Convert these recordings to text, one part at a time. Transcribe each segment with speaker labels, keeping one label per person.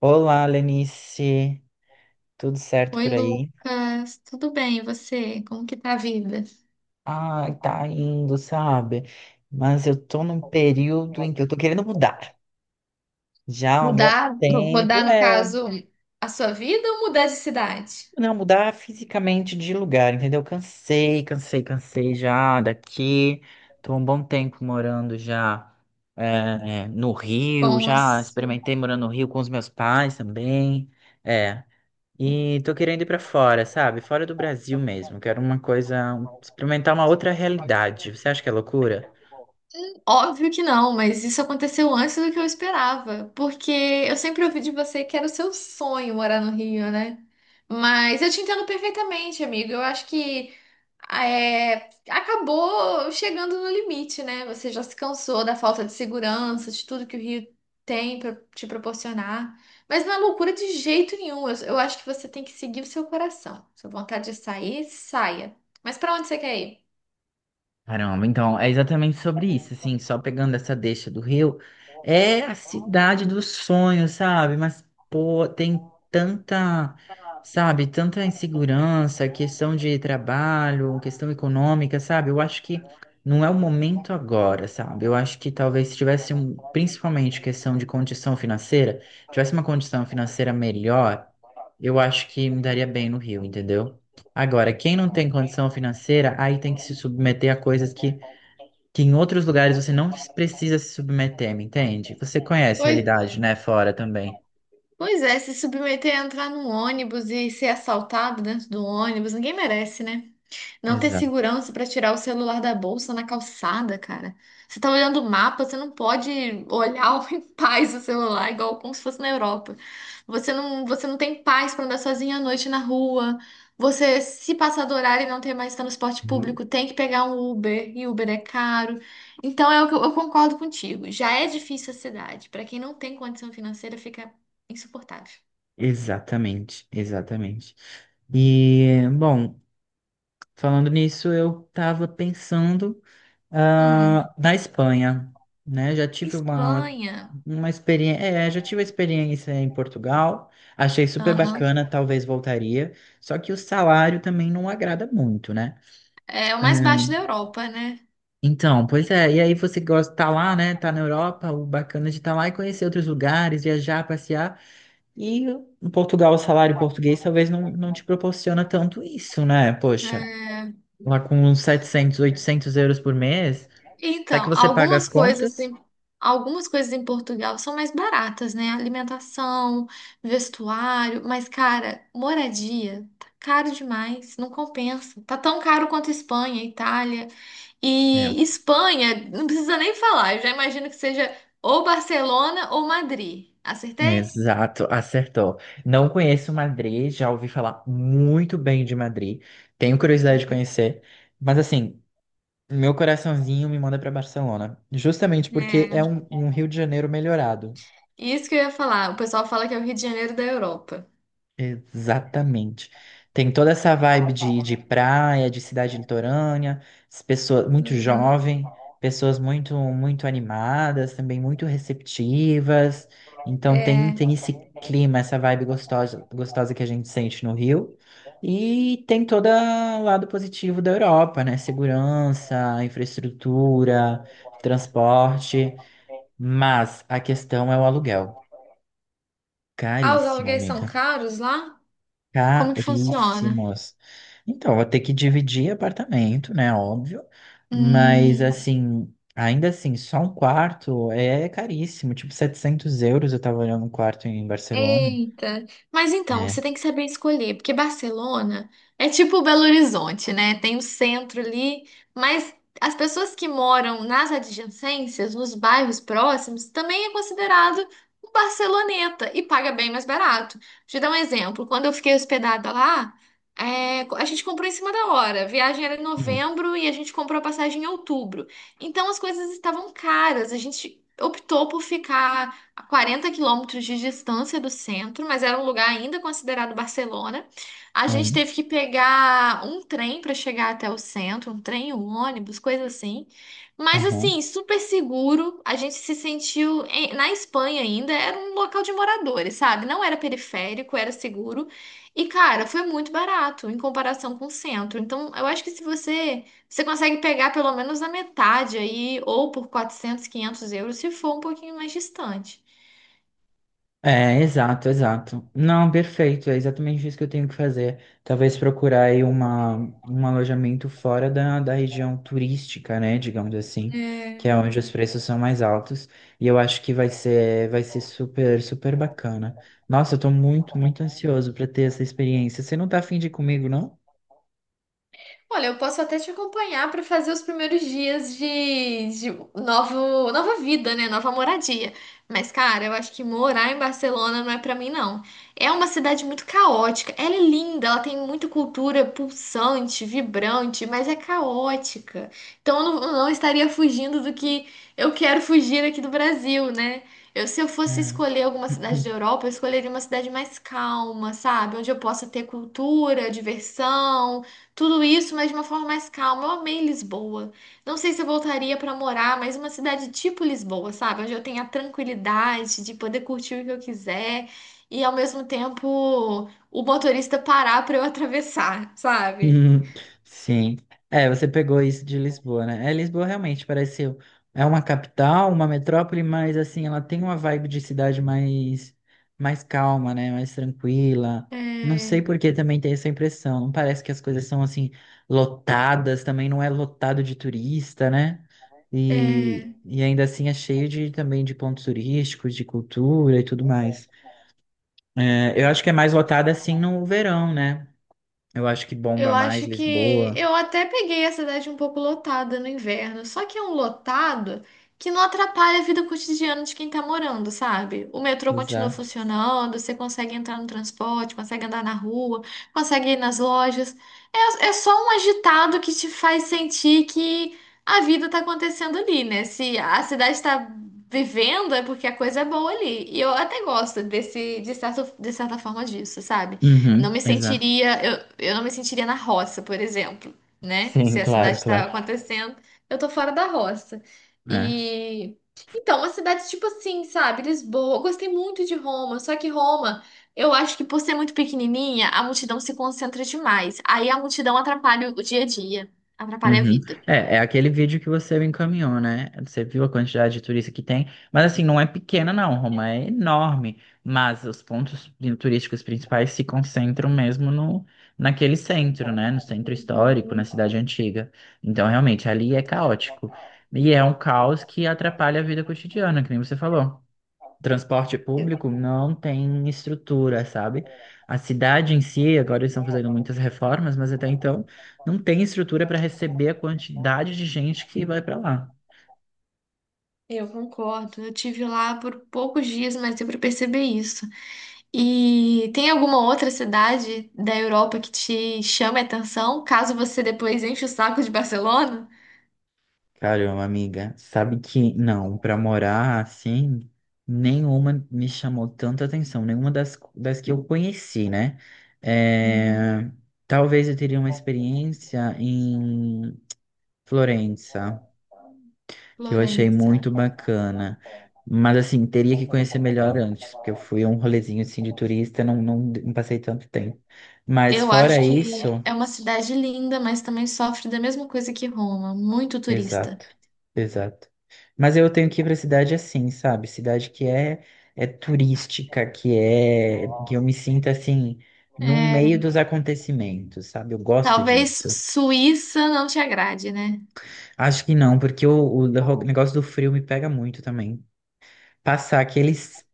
Speaker 1: Olá, Lenice. Tudo certo
Speaker 2: Oi,
Speaker 1: por aí?
Speaker 2: Lucas. Tudo bem, e você? Como que tá a vida?
Speaker 1: Ah, tá indo, sabe? Mas eu tô num período em que eu tô querendo mudar. Já há um bom
Speaker 2: Mudar, mudar
Speaker 1: tempo,
Speaker 2: no
Speaker 1: é,
Speaker 2: caso, a sua vida ou mudar de cidade?
Speaker 1: não mudar fisicamente de lugar, entendeu? Cansei já daqui. Tô há um bom tempo morando já no Rio,
Speaker 2: Com a
Speaker 1: já
Speaker 2: sua-
Speaker 1: experimentei morando no Rio com os meus pais também. É. E tô querendo ir pra fora, sabe? Fora do Brasil mesmo. Quero uma coisa, experimentar uma outra realidade. Você acha que é loucura?
Speaker 2: Óbvio que não, mas isso aconteceu antes do que eu esperava, porque eu sempre ouvi de você que era o seu sonho morar no Rio, né? Mas eu te entendo perfeitamente, amigo. Eu acho que é, acabou chegando no limite, né? Você já se cansou da falta de segurança, de tudo que o Rio tem para te proporcionar. Mas não é loucura de jeito nenhum. Eu acho que você tem que seguir o seu coração. Sua vontade de sair, saia. Mas para onde você quer ir?
Speaker 1: Caramba, então é exatamente sobre isso, assim, só pegando essa deixa do Rio, é a cidade dos sonhos, sabe? Mas, pô, tem tanta, sabe, tanta insegurança, questão de trabalho, questão econômica, sabe? Eu acho que não é o momento agora, sabe? Eu acho que talvez se tivesse, principalmente questão de condição financeira, tivesse uma condição financeira melhor, eu acho que me daria bem no Rio, entendeu? Agora, quem não tem condição financeira, aí tem que se submeter a coisas que em outros lugares você não precisa se submeter, me entende? Você conhece a
Speaker 2: Pois
Speaker 1: realidade,
Speaker 2: é.
Speaker 1: né? Fora também.
Speaker 2: Pois é, se submeter a entrar num ônibus e ser assaltado dentro do ônibus, ninguém merece, né? Não ter
Speaker 1: Exato.
Speaker 2: segurança pra tirar o celular da bolsa na calçada, cara. Você tá olhando o mapa, você não pode olhar em paz o celular, igual como se fosse na Europa. Você não tem paz pra andar sozinha à noite na rua. Você, se passar do horário e não ter mais transporte público, tem que pegar um Uber, e Uber é caro. Então, é o que eu concordo contigo. Já é difícil a cidade. Pra quem não tem condição financeira, fica insuportável.
Speaker 1: Exatamente, exatamente. E, bom, falando nisso, eu estava pensando,
Speaker 2: Hum.
Speaker 1: ah, na Espanha, né? Já tive
Speaker 2: Espanha.
Speaker 1: uma experiência, é, já tive a experiência em Portugal, achei super
Speaker 2: Aham.
Speaker 1: bacana, talvez voltaria, só que o salário também não agrada muito, né?
Speaker 2: É o
Speaker 1: É.
Speaker 2: mais baixo da Europa, né?
Speaker 1: Então, pois é, e aí você gosta de tá lá, né? Tá na Europa, o bacana de estar lá e conhecer outros lugares, viajar, passear. E em Portugal, o salário português talvez não te proporciona tanto isso, né? Poxa,
Speaker 2: É,
Speaker 1: lá com uns 700, 800 euros por mês, até que
Speaker 2: então,
Speaker 1: você paga as contas.
Speaker 2: algumas coisas em Portugal são mais baratas, né? Alimentação, vestuário, mas, cara, moradia tá caro demais, não compensa. Tá tão caro quanto Espanha, Itália.
Speaker 1: É.
Speaker 2: E Espanha, não precisa nem falar, eu já imagino que seja ou Barcelona ou Madrid. Acertei?
Speaker 1: Exato, acertou. Não conheço Madrid, já ouvi falar muito bem de Madrid, tenho curiosidade de conhecer, mas assim, meu coraçãozinho me manda para Barcelona, justamente porque
Speaker 2: É.
Speaker 1: é um Rio de Janeiro melhorado.
Speaker 2: Isso que eu ia falar. O pessoal fala que é o Rio de Janeiro da Europa.
Speaker 1: Exatamente. Tem toda essa vibe de praia, de cidade litorânea, as pessoas muito
Speaker 2: Uhum.
Speaker 1: jovem, pessoas muito muito animadas, também muito receptivas. Então tem
Speaker 2: É.
Speaker 1: tem esse clima, essa vibe gostosa gostosa que a gente sente no Rio. E tem todo o lado positivo da Europa, né? Segurança, infraestrutura, transporte. Mas a questão é o aluguel.
Speaker 2: Ah, os
Speaker 1: Caríssimo,
Speaker 2: aluguéis são
Speaker 1: amiga.
Speaker 2: caros lá? Como que funciona?
Speaker 1: Caríssimos. Então, vou ter que dividir apartamento, né? Óbvio. Mas,
Speaker 2: Hum.
Speaker 1: assim, ainda assim, só um quarto é caríssimo. Tipo, 700 euros eu tava olhando um quarto em Barcelona.
Speaker 2: Eita! Mas então, você
Speaker 1: É.
Speaker 2: tem que saber escolher, porque Barcelona é tipo Belo Horizonte, né? Tem o centro ali, mas as pessoas que moram nas adjacências, nos bairros próximos, também é considerado um barceloneta e paga bem mais barato. Deixa eu dar um exemplo. Quando eu fiquei hospedada lá, é, a gente comprou em cima da hora. A viagem era em
Speaker 1: Hum,
Speaker 2: novembro e a gente comprou a passagem em outubro. Então as coisas estavam caras. A gente optou por ficar a 40 quilômetros de distância do centro, mas era um lugar ainda considerado Barcelona. A gente
Speaker 1: hum,
Speaker 2: teve que pegar um trem para chegar até o centro, um trem, um ônibus, coisa assim. Mas
Speaker 1: aham.
Speaker 2: assim, super seguro. A gente se sentiu na Espanha ainda, era um local de moradores, sabe? Não era periférico, era seguro. E cara, foi muito barato em comparação com o centro. Então, eu acho que se você consegue pegar pelo menos a metade aí, ou por 400, 500 euros, se for um pouquinho mais distante.
Speaker 1: É, exato, exato. Não, perfeito, é exatamente isso que eu tenho que fazer. Talvez procurar aí uma, um alojamento fora da região turística, né, digamos assim, que é
Speaker 2: É.
Speaker 1: onde os preços são mais altos, e eu acho que vai ser super, super bacana. Nossa, eu tô muito, muito ansioso para ter essa experiência. Você não tá afim de ir comigo, não?
Speaker 2: Olha, eu posso até te acompanhar para fazer os primeiros dias de novo, nova vida, né? Nova moradia. Mas, cara, eu acho que morar em Barcelona não é para mim, não. É uma cidade muito caótica. Ela é linda, ela tem muita cultura pulsante, vibrante, mas é caótica. Então, eu não estaria fugindo do que eu quero fugir aqui do Brasil, né? Eu, se eu fosse
Speaker 1: É.
Speaker 2: escolher alguma cidade da Europa, eu escolheria uma cidade mais calma, sabe? Onde eu possa ter cultura, diversão. Tudo isso, mas de uma forma mais calma. Eu amei Lisboa. Não sei se eu voltaria pra morar, mas uma cidade tipo Lisboa, sabe? Onde eu tenho a tranquilidade de poder curtir o que eu quiser e ao mesmo tempo o motorista parar pra eu atravessar, sabe?
Speaker 1: Uhum, sim. É, você pegou isso de Lisboa, né? É, Lisboa realmente parece é uma capital, uma metrópole, mas assim, ela tem uma vibe de cidade mais calma, né? Mais tranquila. Não sei
Speaker 2: É,
Speaker 1: por que também tem essa impressão. Não parece que as coisas são assim lotadas, também não é lotado de turista, né?
Speaker 2: é.
Speaker 1: E ainda assim é cheio de também de pontos turísticos, de cultura e tudo mais. É, eu acho que é mais lotada assim no verão, né? Eu acho que
Speaker 2: Eu
Speaker 1: bomba mais
Speaker 2: acho que
Speaker 1: Lisboa.
Speaker 2: eu até peguei a cidade um pouco lotada no inverno, só que é um lotado que não atrapalha a vida cotidiana de quem tá morando, sabe? O metrô continua
Speaker 1: Exato.
Speaker 2: funcionando, você consegue entrar no transporte, consegue andar na rua, consegue ir nas lojas. É, é só um agitado que te faz sentir que a vida tá acontecendo ali, né? Se a cidade tá vivendo, é porque a coisa é boa ali. E eu até gosto desse, de certa forma disso, sabe? Não
Speaker 1: Uhum,
Speaker 2: me
Speaker 1: exato.
Speaker 2: sentiria, eu não me sentiria na roça, por exemplo, né?
Speaker 1: Sim,
Speaker 2: Se a cidade
Speaker 1: claro,
Speaker 2: está
Speaker 1: claro.
Speaker 2: acontecendo, eu tô fora da roça.
Speaker 1: É.
Speaker 2: E então, uma cidade tipo assim, sabe? Lisboa, eu gostei muito de Roma, só que Roma, eu acho que por ser muito pequenininha, a multidão se concentra demais. Aí a multidão atrapalha o dia a dia, atrapalha a
Speaker 1: Uhum.
Speaker 2: vida.
Speaker 1: É, é aquele vídeo que você me encaminhou, né? Você viu a quantidade de turista que tem, mas assim, não é pequena não, Roma é enorme, mas os pontos turísticos principais se concentram mesmo naquele centro, né? No centro histórico, na
Speaker 2: Uhum.
Speaker 1: cidade antiga. Então, realmente, ali é caótico. E é um caos que atrapalha a vida cotidiana, que nem você falou. Transporte público não tem estrutura, sabe? A cidade em si, agora eles estão fazendo muitas reformas, mas até então não tem estrutura para receber a quantidade de gente que vai para lá.
Speaker 2: Eu concordo. Eu tive lá por poucos dias, mas deu pra perceber isso. E tem alguma outra cidade da Europa que te chame a atenção, caso você depois enche o saco de Barcelona?
Speaker 1: Caramba, amiga, sabe que não, para morar assim, nenhuma me chamou tanta atenção, nenhuma das que eu conheci, né?
Speaker 2: Uhum.
Speaker 1: É, talvez eu teria uma experiência em Florença, que eu achei
Speaker 2: Florença.
Speaker 1: muito bacana. Mas assim, teria que conhecer melhor antes, porque eu fui a um rolezinho assim de turista, não passei tanto tempo. Mas
Speaker 2: Eu
Speaker 1: fora
Speaker 2: acho que
Speaker 1: isso,
Speaker 2: é uma cidade linda, mas também sofre da mesma coisa que Roma, muito turista.
Speaker 1: exato, exato. Mas eu tenho que ir para cidade assim, sabe? Cidade que é é turística, que é que eu me sinta assim no
Speaker 2: É,
Speaker 1: meio dos acontecimentos, sabe? Eu gosto
Speaker 2: talvez
Speaker 1: disso.
Speaker 2: Suíça não te agrade, né?
Speaker 1: Acho que não, porque o negócio do frio me pega muito também. Passar aqueles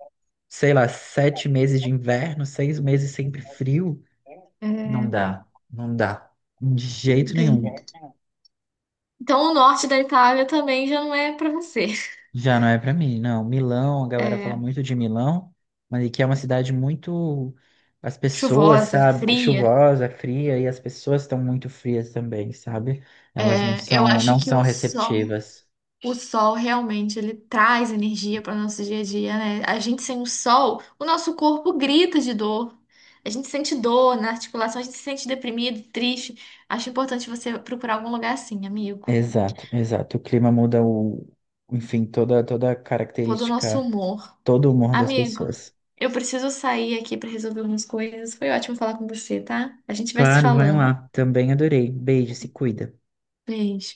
Speaker 1: sei lá, 7 meses de inverno, 6 meses sempre frio,
Speaker 2: É,
Speaker 1: não dá, de jeito
Speaker 2: bem.
Speaker 1: nenhum.
Speaker 2: Então o norte da Itália também já não é pra você.
Speaker 1: Já não é pra mim, não. Milão, a galera fala
Speaker 2: É,
Speaker 1: muito de Milão, mas que é uma cidade muito, as pessoas,
Speaker 2: chuvosa,
Speaker 1: sabe,
Speaker 2: fria.
Speaker 1: chuvosa, fria, e as pessoas estão muito frias também, sabe? Elas
Speaker 2: É, eu acho
Speaker 1: não
Speaker 2: que
Speaker 1: são
Speaker 2: o sol.
Speaker 1: receptivas.
Speaker 2: O sol realmente ele traz energia para o nosso dia a dia, né? A gente sem o sol, o nosso corpo grita de dor. A gente sente dor na articulação, a gente se sente deprimido, triste. Acho importante você procurar algum lugar assim, amigo.
Speaker 1: Exato, exato. O clima muda o, enfim, toda a
Speaker 2: Todo do nosso
Speaker 1: característica,
Speaker 2: humor.
Speaker 1: todo o humor das
Speaker 2: Amigo,
Speaker 1: pessoas.
Speaker 2: eu preciso sair aqui para resolver umas coisas. Foi ótimo falar com você, tá? A gente vai se
Speaker 1: Claro, vai
Speaker 2: falando.
Speaker 1: lá. Também adorei. Beijo, se cuida.
Speaker 2: Beijo.